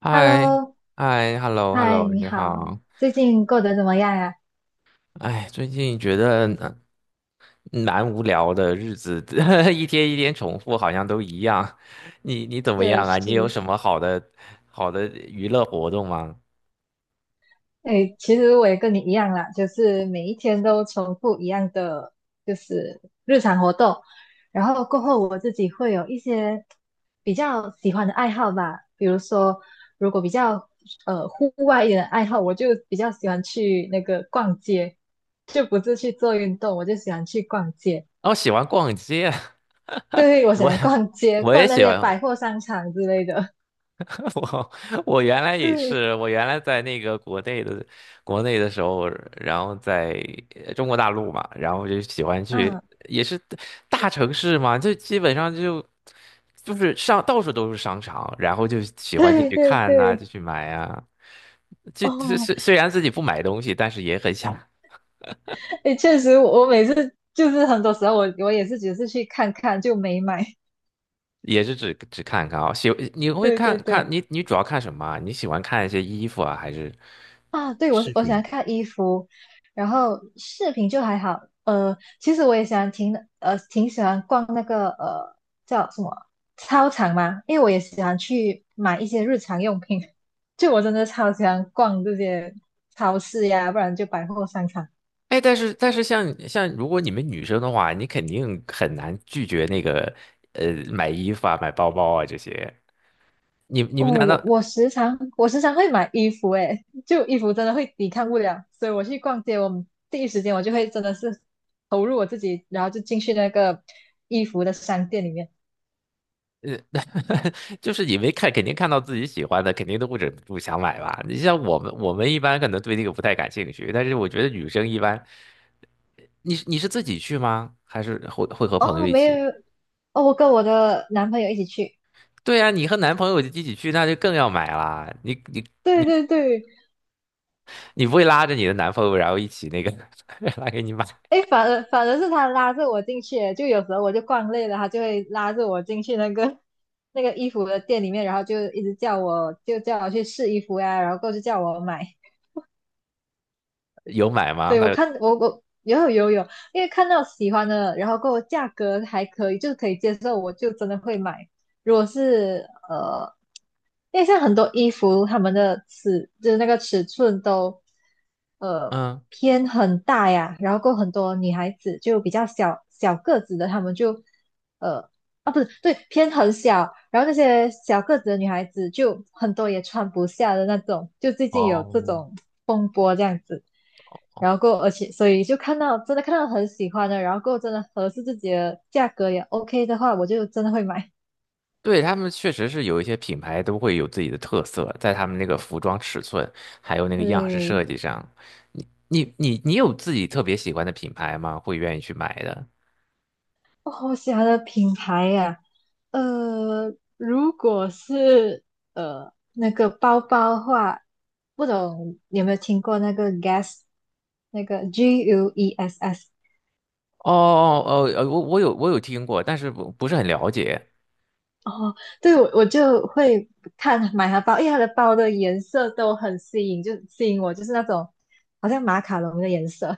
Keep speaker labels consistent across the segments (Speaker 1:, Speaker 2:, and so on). Speaker 1: 嗨，
Speaker 2: Hello,
Speaker 1: 嗨
Speaker 2: 嗨，
Speaker 1: ，hello，hello，
Speaker 2: 你
Speaker 1: 你
Speaker 2: 好，
Speaker 1: 好。
Speaker 2: 最近过得怎么样呀？
Speaker 1: 哎，最近觉得蛮无聊的日子，一天一天重复，好像都一样。你怎么
Speaker 2: 确
Speaker 1: 样啊？你有
Speaker 2: 实，
Speaker 1: 什么好的娱乐活动吗？
Speaker 2: 哎，其实我也跟你一样啦，就是每一天都重复一样的，就是日常活动。然后过后我自己会有一些比较喜欢的爱好吧，比如说，如果比较户外一点的爱好，我就比较喜欢去那个逛街，就不是去做运动，我就喜欢去逛街。
Speaker 1: 哦，喜欢逛街，
Speaker 2: 对，我喜
Speaker 1: 我
Speaker 2: 欢逛街，
Speaker 1: 我也
Speaker 2: 逛那
Speaker 1: 喜
Speaker 2: 些
Speaker 1: 欢，
Speaker 2: 百货商场之类的。
Speaker 1: 我我原来也
Speaker 2: 对。
Speaker 1: 是，我原来在那个国内的时候，然后在中国大陆嘛，然后就喜欢去，
Speaker 2: 嗯
Speaker 1: 也是大城市嘛，就基本上就是上到处都是商场，然后就 喜欢进
Speaker 2: 对
Speaker 1: 去
Speaker 2: 对
Speaker 1: 看呐、就
Speaker 2: 对，
Speaker 1: 去买啊，就虽
Speaker 2: 哦，
Speaker 1: 虽虽然自己不买东西，但是也很想，
Speaker 2: 哎，确实我，我每次就是很多时候我也是只是去看看就没买。
Speaker 1: 也是只看看啊、你会
Speaker 2: 对
Speaker 1: 看
Speaker 2: 对
Speaker 1: 看
Speaker 2: 对，
Speaker 1: 你主要看什么啊？你喜欢看一些衣服啊，还是？
Speaker 2: 啊，对我
Speaker 1: 视
Speaker 2: 我喜
Speaker 1: 频？
Speaker 2: 欢看衣服，然后视频就还好。其实我也喜欢挺喜欢逛那个叫什么操场嘛，因为我也喜欢去买一些日常用品。就我真的超喜欢逛这些超市呀，不然就百货商场。
Speaker 1: 哎，但是像如果你们女生的话，你肯定很难拒绝那个买衣服啊、买包包啊这些。你
Speaker 2: 哦，
Speaker 1: 们难
Speaker 2: 我
Speaker 1: 道
Speaker 2: 我时常我时常会买衣服，诶，就衣服真的会抵抗不了，所以我去逛街，第一时间我就会真的是投入我自己，然后就进去那个衣服的商店里面。
Speaker 1: 就是你没看，肯定看到自己喜欢的，肯定都不忍不住想买吧？你像我们一般可能对那个不太感兴趣，但是我觉得女生一般，你是自己去吗？还是会和朋友
Speaker 2: 哦，
Speaker 1: 一
Speaker 2: 没
Speaker 1: 起？
Speaker 2: 有，哦，我跟我的男朋友一起去，
Speaker 1: 对啊，你和男朋友一起去，那就更要买啦。
Speaker 2: 对
Speaker 1: 你
Speaker 2: 对对，
Speaker 1: 你不会拉着你的男朋友，然后一起那个 拉给你买，
Speaker 2: 诶，反而是他拉着我进去诶就有时候我就逛累了，他就会拉着我进去那个 那个衣服的店里面，然后就一直叫我去试衣服呀，然后过后就叫我买。
Speaker 1: 有买吗？
Speaker 2: 对，我
Speaker 1: 他
Speaker 2: 看我我有有有，因为看到喜欢的，然后跟我价格还可以，就是可以接受，我就真的会买。如果是呃，因为像很多衣服，他们的尺就是那个尺寸都呃
Speaker 1: 嗯。
Speaker 2: 偏很大呀，然后过后很多女孩子就比较小个子的，她们就呃啊不是对偏很小，然后那些小个子的女孩子就很多也穿不下的那种，就最近有这
Speaker 1: 哦，
Speaker 2: 种然后过而且所以就看到真的看到很喜欢的，然后过真的合适自己的价格也 OK 的话，我就真的会买。
Speaker 1: 对，他们确实是有一些品牌都会有自己的特色，在他们那个服装尺寸还有那个样式
Speaker 2: 对，
Speaker 1: 设计上。你你有自己特别喜欢的品牌吗？会愿意去买的？
Speaker 2: 哦，我喜欢的品牌呀、如果是那个包包的话，不懂你有没有听过那个 Guess 那个 GUESS。
Speaker 1: 哦哦哦，我有听过，但是不是很了解。
Speaker 2: 哦，对，我我就会看买它包，因为它的包的颜色都很吸引，就吸引我，就是那种好像马卡龙的颜色。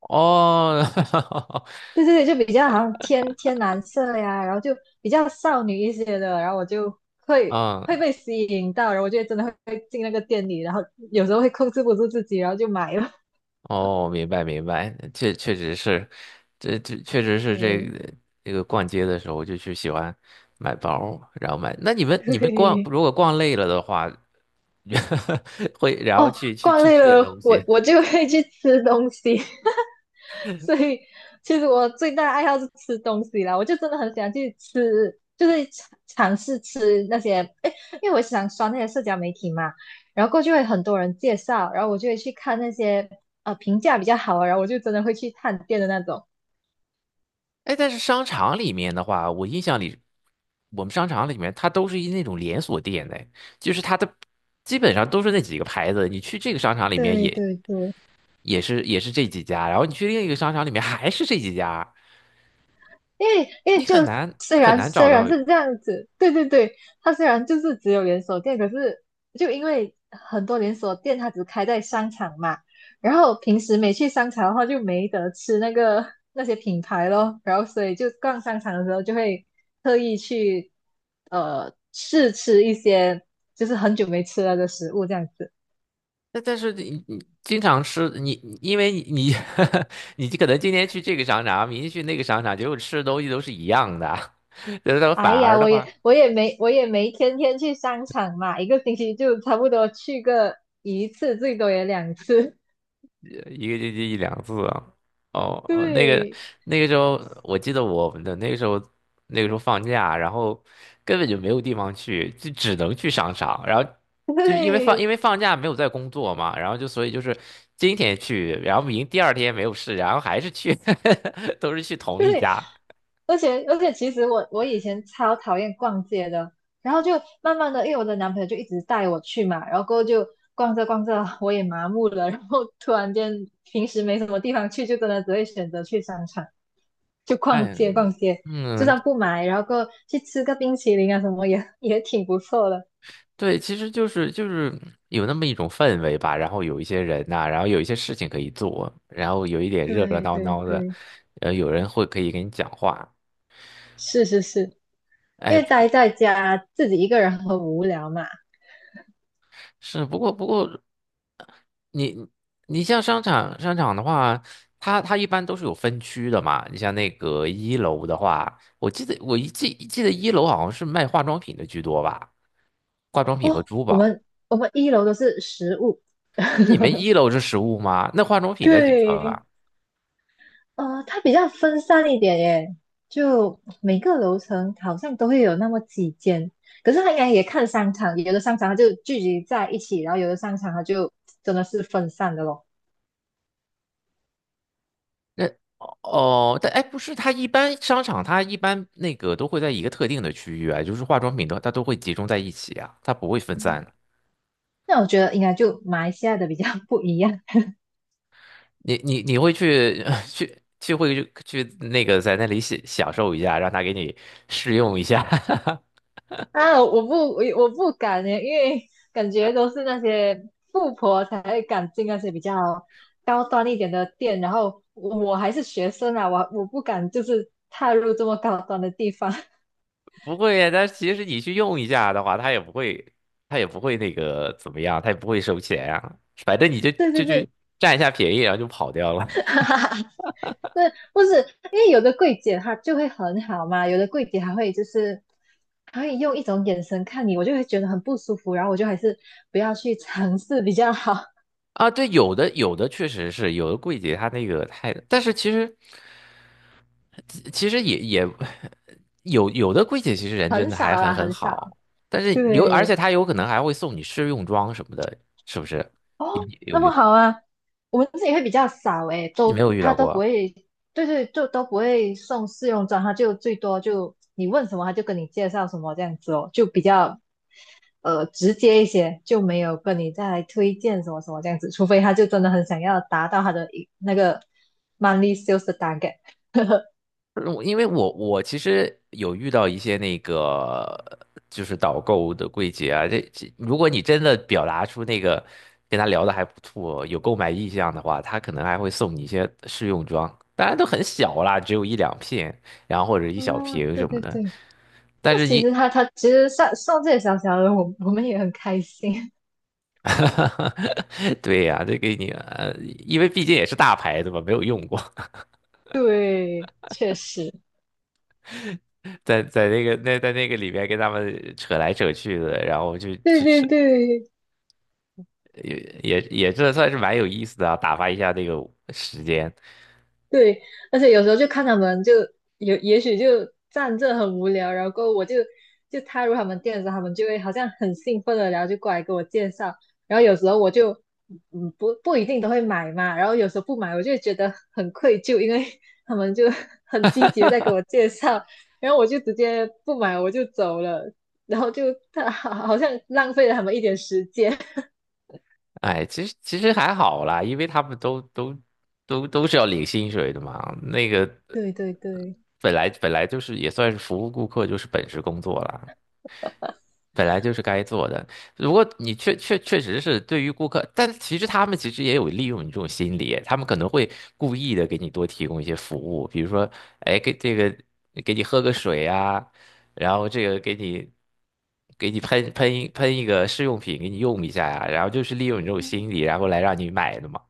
Speaker 1: 哦，
Speaker 2: 对对对，就比较好像天天蓝色呀，然后就比较少女一些的，然后我就会
Speaker 1: 嗯，
Speaker 2: 被吸引到，然后我就真的会进那个店里，然后有时候会控制不住自己，然后就买了。
Speaker 1: 哦，明白明白，确实是，这确实是这
Speaker 2: 对
Speaker 1: 个这个逛街的时候就去喜欢买包，然后买。那你们
Speaker 2: 对，
Speaker 1: 如果逛累了的话，会，然后
Speaker 2: 哦，
Speaker 1: 去去
Speaker 2: 逛
Speaker 1: 去
Speaker 2: 累
Speaker 1: 吃点
Speaker 2: 了，
Speaker 1: 东
Speaker 2: 我
Speaker 1: 西。
Speaker 2: 我就会去吃东西。所以其实我最大的爱好是吃东西啦，我就真的很喜欢去吃，就是尝试吃那些，哎，因为我想刷那些社交媒体嘛，然后过去会很多人介绍，然后我就会去看那些评价比较好啊，然后我就真的会去探店的那种。
Speaker 1: 哎，但是商场里面的话，我印象里，我们商场里面它都是那种连锁店的，就是它的基本上都是那几个牌子。你去这个商场里面
Speaker 2: 对
Speaker 1: 也
Speaker 2: 对对，
Speaker 1: 也是也是这几家，然后你去另一个商场里面还是这几家，
Speaker 2: 因为
Speaker 1: 你
Speaker 2: 就
Speaker 1: 很难
Speaker 2: 虽
Speaker 1: 很
Speaker 2: 然
Speaker 1: 难
Speaker 2: 虽
Speaker 1: 找
Speaker 2: 然
Speaker 1: 到。
Speaker 2: 是这样子，对对对，它虽然就是只有连锁店，可是就因为很多连锁店它只开在商场嘛，然后平时没去商场的话就没得吃那个那些品牌咯，然后所以就逛商场的时候就会特意去试吃一些就是很久没吃了的食物这样子。
Speaker 1: 但是你经常吃你，你因为你 你可能今天去这个商场，明天去那个商场，结果吃的东西都是一样的，然后
Speaker 2: 哎
Speaker 1: 反而
Speaker 2: 呀，
Speaker 1: 的
Speaker 2: 我
Speaker 1: 话。
Speaker 2: 也我也没我也没天天去商场嘛，一个星期就差不多去个一次，最多也两次。
Speaker 1: 一个星期一两次啊。哦哦，那个
Speaker 2: 对
Speaker 1: 那个时候，我记得我们的那个时候，那个时候放假，然后根本就没有地方去，就只能去商场。然后就因为因
Speaker 2: 对
Speaker 1: 为放假没有在工作嘛，然后就所以就是今天去，然后第二天没有事，然后还是去，都是去同一
Speaker 2: 对，
Speaker 1: 家。
Speaker 2: 而且,其实我以前超讨厌逛街的，然后就慢慢的，因为我的男朋友就一直带我去嘛，然后过后就逛着逛着，我也麻木了，然后突然间平时没什么地方去，就真的只会选择去商场，就
Speaker 1: 哎，
Speaker 2: 逛街，就
Speaker 1: 嗯，
Speaker 2: 算不买，然后过后去吃个冰淇淋啊什么也也挺不错的。
Speaker 1: 对，其实就是有那么一种氛围吧，然后有一些人呐、然后有一些事情可以做，然后有一点热热
Speaker 2: 对
Speaker 1: 闹
Speaker 2: 对
Speaker 1: 闹的，
Speaker 2: 对，
Speaker 1: 有人会可以跟你讲话，
Speaker 2: 是是是，因
Speaker 1: 哎，
Speaker 2: 为待在家自己一个人很无聊嘛。
Speaker 1: 是，不过你你像商场的话，它一般都是有分区的嘛，你像那个一楼的话，我记得我记得一楼好像是卖化妆品的居多吧，化妆品和
Speaker 2: 哦，
Speaker 1: 珠
Speaker 2: 我
Speaker 1: 宝，
Speaker 2: 们我们一楼都是食物，
Speaker 1: 你 们一楼是实物吗？那化妆品在几层啊？
Speaker 2: 对，呃，它比较分散一点耶，就每个楼层好像都会有那么几间，可是它应该也看商场，有的商场它就聚集在一起，然后有的商场它就真的是分散的咯。
Speaker 1: 那哦，哎，不是，它一般商场它一般那个都会在一个特定的区域啊，就是化妆品的它都会集中在一起啊，它不会分
Speaker 2: 嗯
Speaker 1: 散。
Speaker 2: 那我觉得应该就马来西亚的比较不一样，
Speaker 1: 你会去 去去会去去那个在那里享受一下，让他给你试用一下，
Speaker 2: 啊，我不敢耶，因为感觉都是那些富婆才会敢进那些比较高端一点的店，然后我还是学生啊，我不敢就是踏入这么高端的地方。
Speaker 1: 不会啊，但其实你去用一下的话，他也不会那个怎么样，他也不会收钱啊，反正你就
Speaker 2: 对对
Speaker 1: 就就
Speaker 2: 对，
Speaker 1: 占一下便宜，然后就跑掉了。
Speaker 2: 哈哈哈，对，不是，因为有的柜姐她就会很好嘛，有的柜姐还会用一种眼神看你，我就会觉得很不舒服，然后我就还是不要去尝试比较好，
Speaker 1: 啊，对，有的确实是有的柜姐，她那个太，但是其实也有的柜姐 其实人真
Speaker 2: 很
Speaker 1: 的
Speaker 2: 少
Speaker 1: 还很
Speaker 2: 啦，
Speaker 1: 很
Speaker 2: 很少。
Speaker 1: 好，但是而且
Speaker 2: 对，
Speaker 1: 她有可能还会送你试用装什么的，是不是？
Speaker 2: 哦，
Speaker 1: 你有
Speaker 2: 那
Speaker 1: 遇
Speaker 2: 么
Speaker 1: 到过？
Speaker 2: 好啊，我们自己会比较少诶，
Speaker 1: 你没
Speaker 2: 都
Speaker 1: 有遇
Speaker 2: 他
Speaker 1: 到
Speaker 2: 都不
Speaker 1: 过？
Speaker 2: 会，对对，就都不会送试用装，他就最多就你问什么，他就跟你介绍什么这样子哦，就比较直接一些，就没有跟你再来推荐什么什么这样子，除非他就真的很想要达到他的一那个 money sales 的 target。
Speaker 1: 因为我其实有遇到一些那个就是导购的柜姐啊，这如果你真的表达出那个跟他聊的还不错，有购买意向的话，他可能还会送你一些试用装，当然都很小啦，只有一两片，然后或者一小
Speaker 2: 哦，
Speaker 1: 瓶什
Speaker 2: 对
Speaker 1: 么
Speaker 2: 对
Speaker 1: 的。
Speaker 2: 对，
Speaker 1: 但
Speaker 2: 那
Speaker 1: 是
Speaker 2: 其实
Speaker 1: 你
Speaker 2: 他其实上送这些小小的，我们也很开心。
Speaker 1: 哈哈，对呀、这给你，因为毕竟也是大牌子嘛，没有用过，
Speaker 2: 对，确实，
Speaker 1: 在那个里面跟他们扯来扯去的，然后就
Speaker 2: 对
Speaker 1: 就
Speaker 2: 对
Speaker 1: 是
Speaker 2: 对，
Speaker 1: 也也这算是蛮有意思的啊，打发一下那个时间。
Speaker 2: 对，而且有时候就看他们就有，也许就站这很无聊，然后就踏入他们店的时候，他们就会好像很兴奋的，然后就过来给我介绍，然后有时候我就不一定都会买嘛，然后有时候不买，我就会觉得很愧疚，因为他们就 很积极的在给我介绍，然后我就直接不买我就走了，然后就 他好好像浪费了他们一点时间。
Speaker 1: 哎，其实还好啦，因为他们都是要领薪水的嘛，那个
Speaker 2: 对对对。
Speaker 1: 本来就是也算是服务顾客，就是本职工作啦。本来就是该做的。如果你确实是对于顾客，但其实他们其实也有利用你这种心理，他们可能会故意的给你多提供一些服务，比如说，哎，给你喝个水啊，然后这个给你喷一个试用品给你用一下呀、然后就是利用你这种心理，然后来让你买的嘛，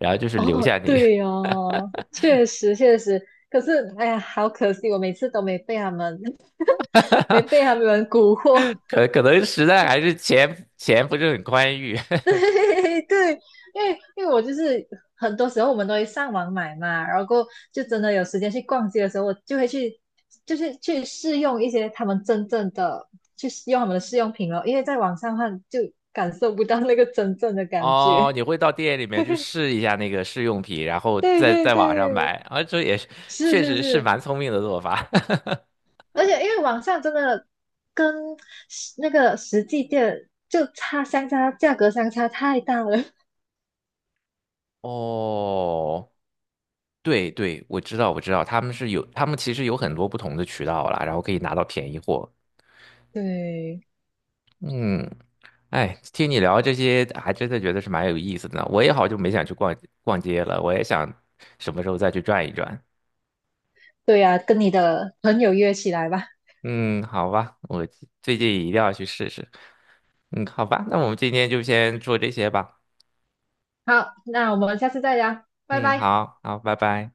Speaker 1: 然后就是留
Speaker 2: 哦，
Speaker 1: 下你，
Speaker 2: 对哦，确实确实，可是哎呀，好可惜，我每次都没被他们，没被他们蛊惑。
Speaker 1: 可能实在还是钱不是很宽裕，
Speaker 2: 对对，因为我就是很多时候我们都会上网买嘛，然后就真的有时间去逛街的时候，我就会去，就是去试用一些他们真正的，去试用他们的试用品哦，因为在网上看就感受不到那个真正的感
Speaker 1: 哦，
Speaker 2: 觉。
Speaker 1: 你会到店里面去 试一下那个试用品，然后
Speaker 2: 对
Speaker 1: 再
Speaker 2: 对
Speaker 1: 在网上
Speaker 2: 对，
Speaker 1: 买啊，这也是
Speaker 2: 是
Speaker 1: 确
Speaker 2: 是
Speaker 1: 实是
Speaker 2: 是，
Speaker 1: 蛮聪明的做法。
Speaker 2: 而且因为网上真的跟那个实际店相差，价格相差太大了。
Speaker 1: 哦，对对，我知道我知道，他们是有，他们其实有很多不同的渠道啦，然后可以拿到便宜货。
Speaker 2: 对，
Speaker 1: 嗯，哎，听你聊这些，还真的觉得是蛮有意思的呢。我也好久没想去逛逛街了，我也想什么时候再去转一转。
Speaker 2: 对呀、跟你的朋友约起来吧。
Speaker 1: 嗯，好吧，我最近一定要去试试。嗯，好吧，那我们今天就先做这些吧。
Speaker 2: 好，那我们下次再聊，拜
Speaker 1: 嗯，
Speaker 2: 拜。
Speaker 1: 好好，拜拜。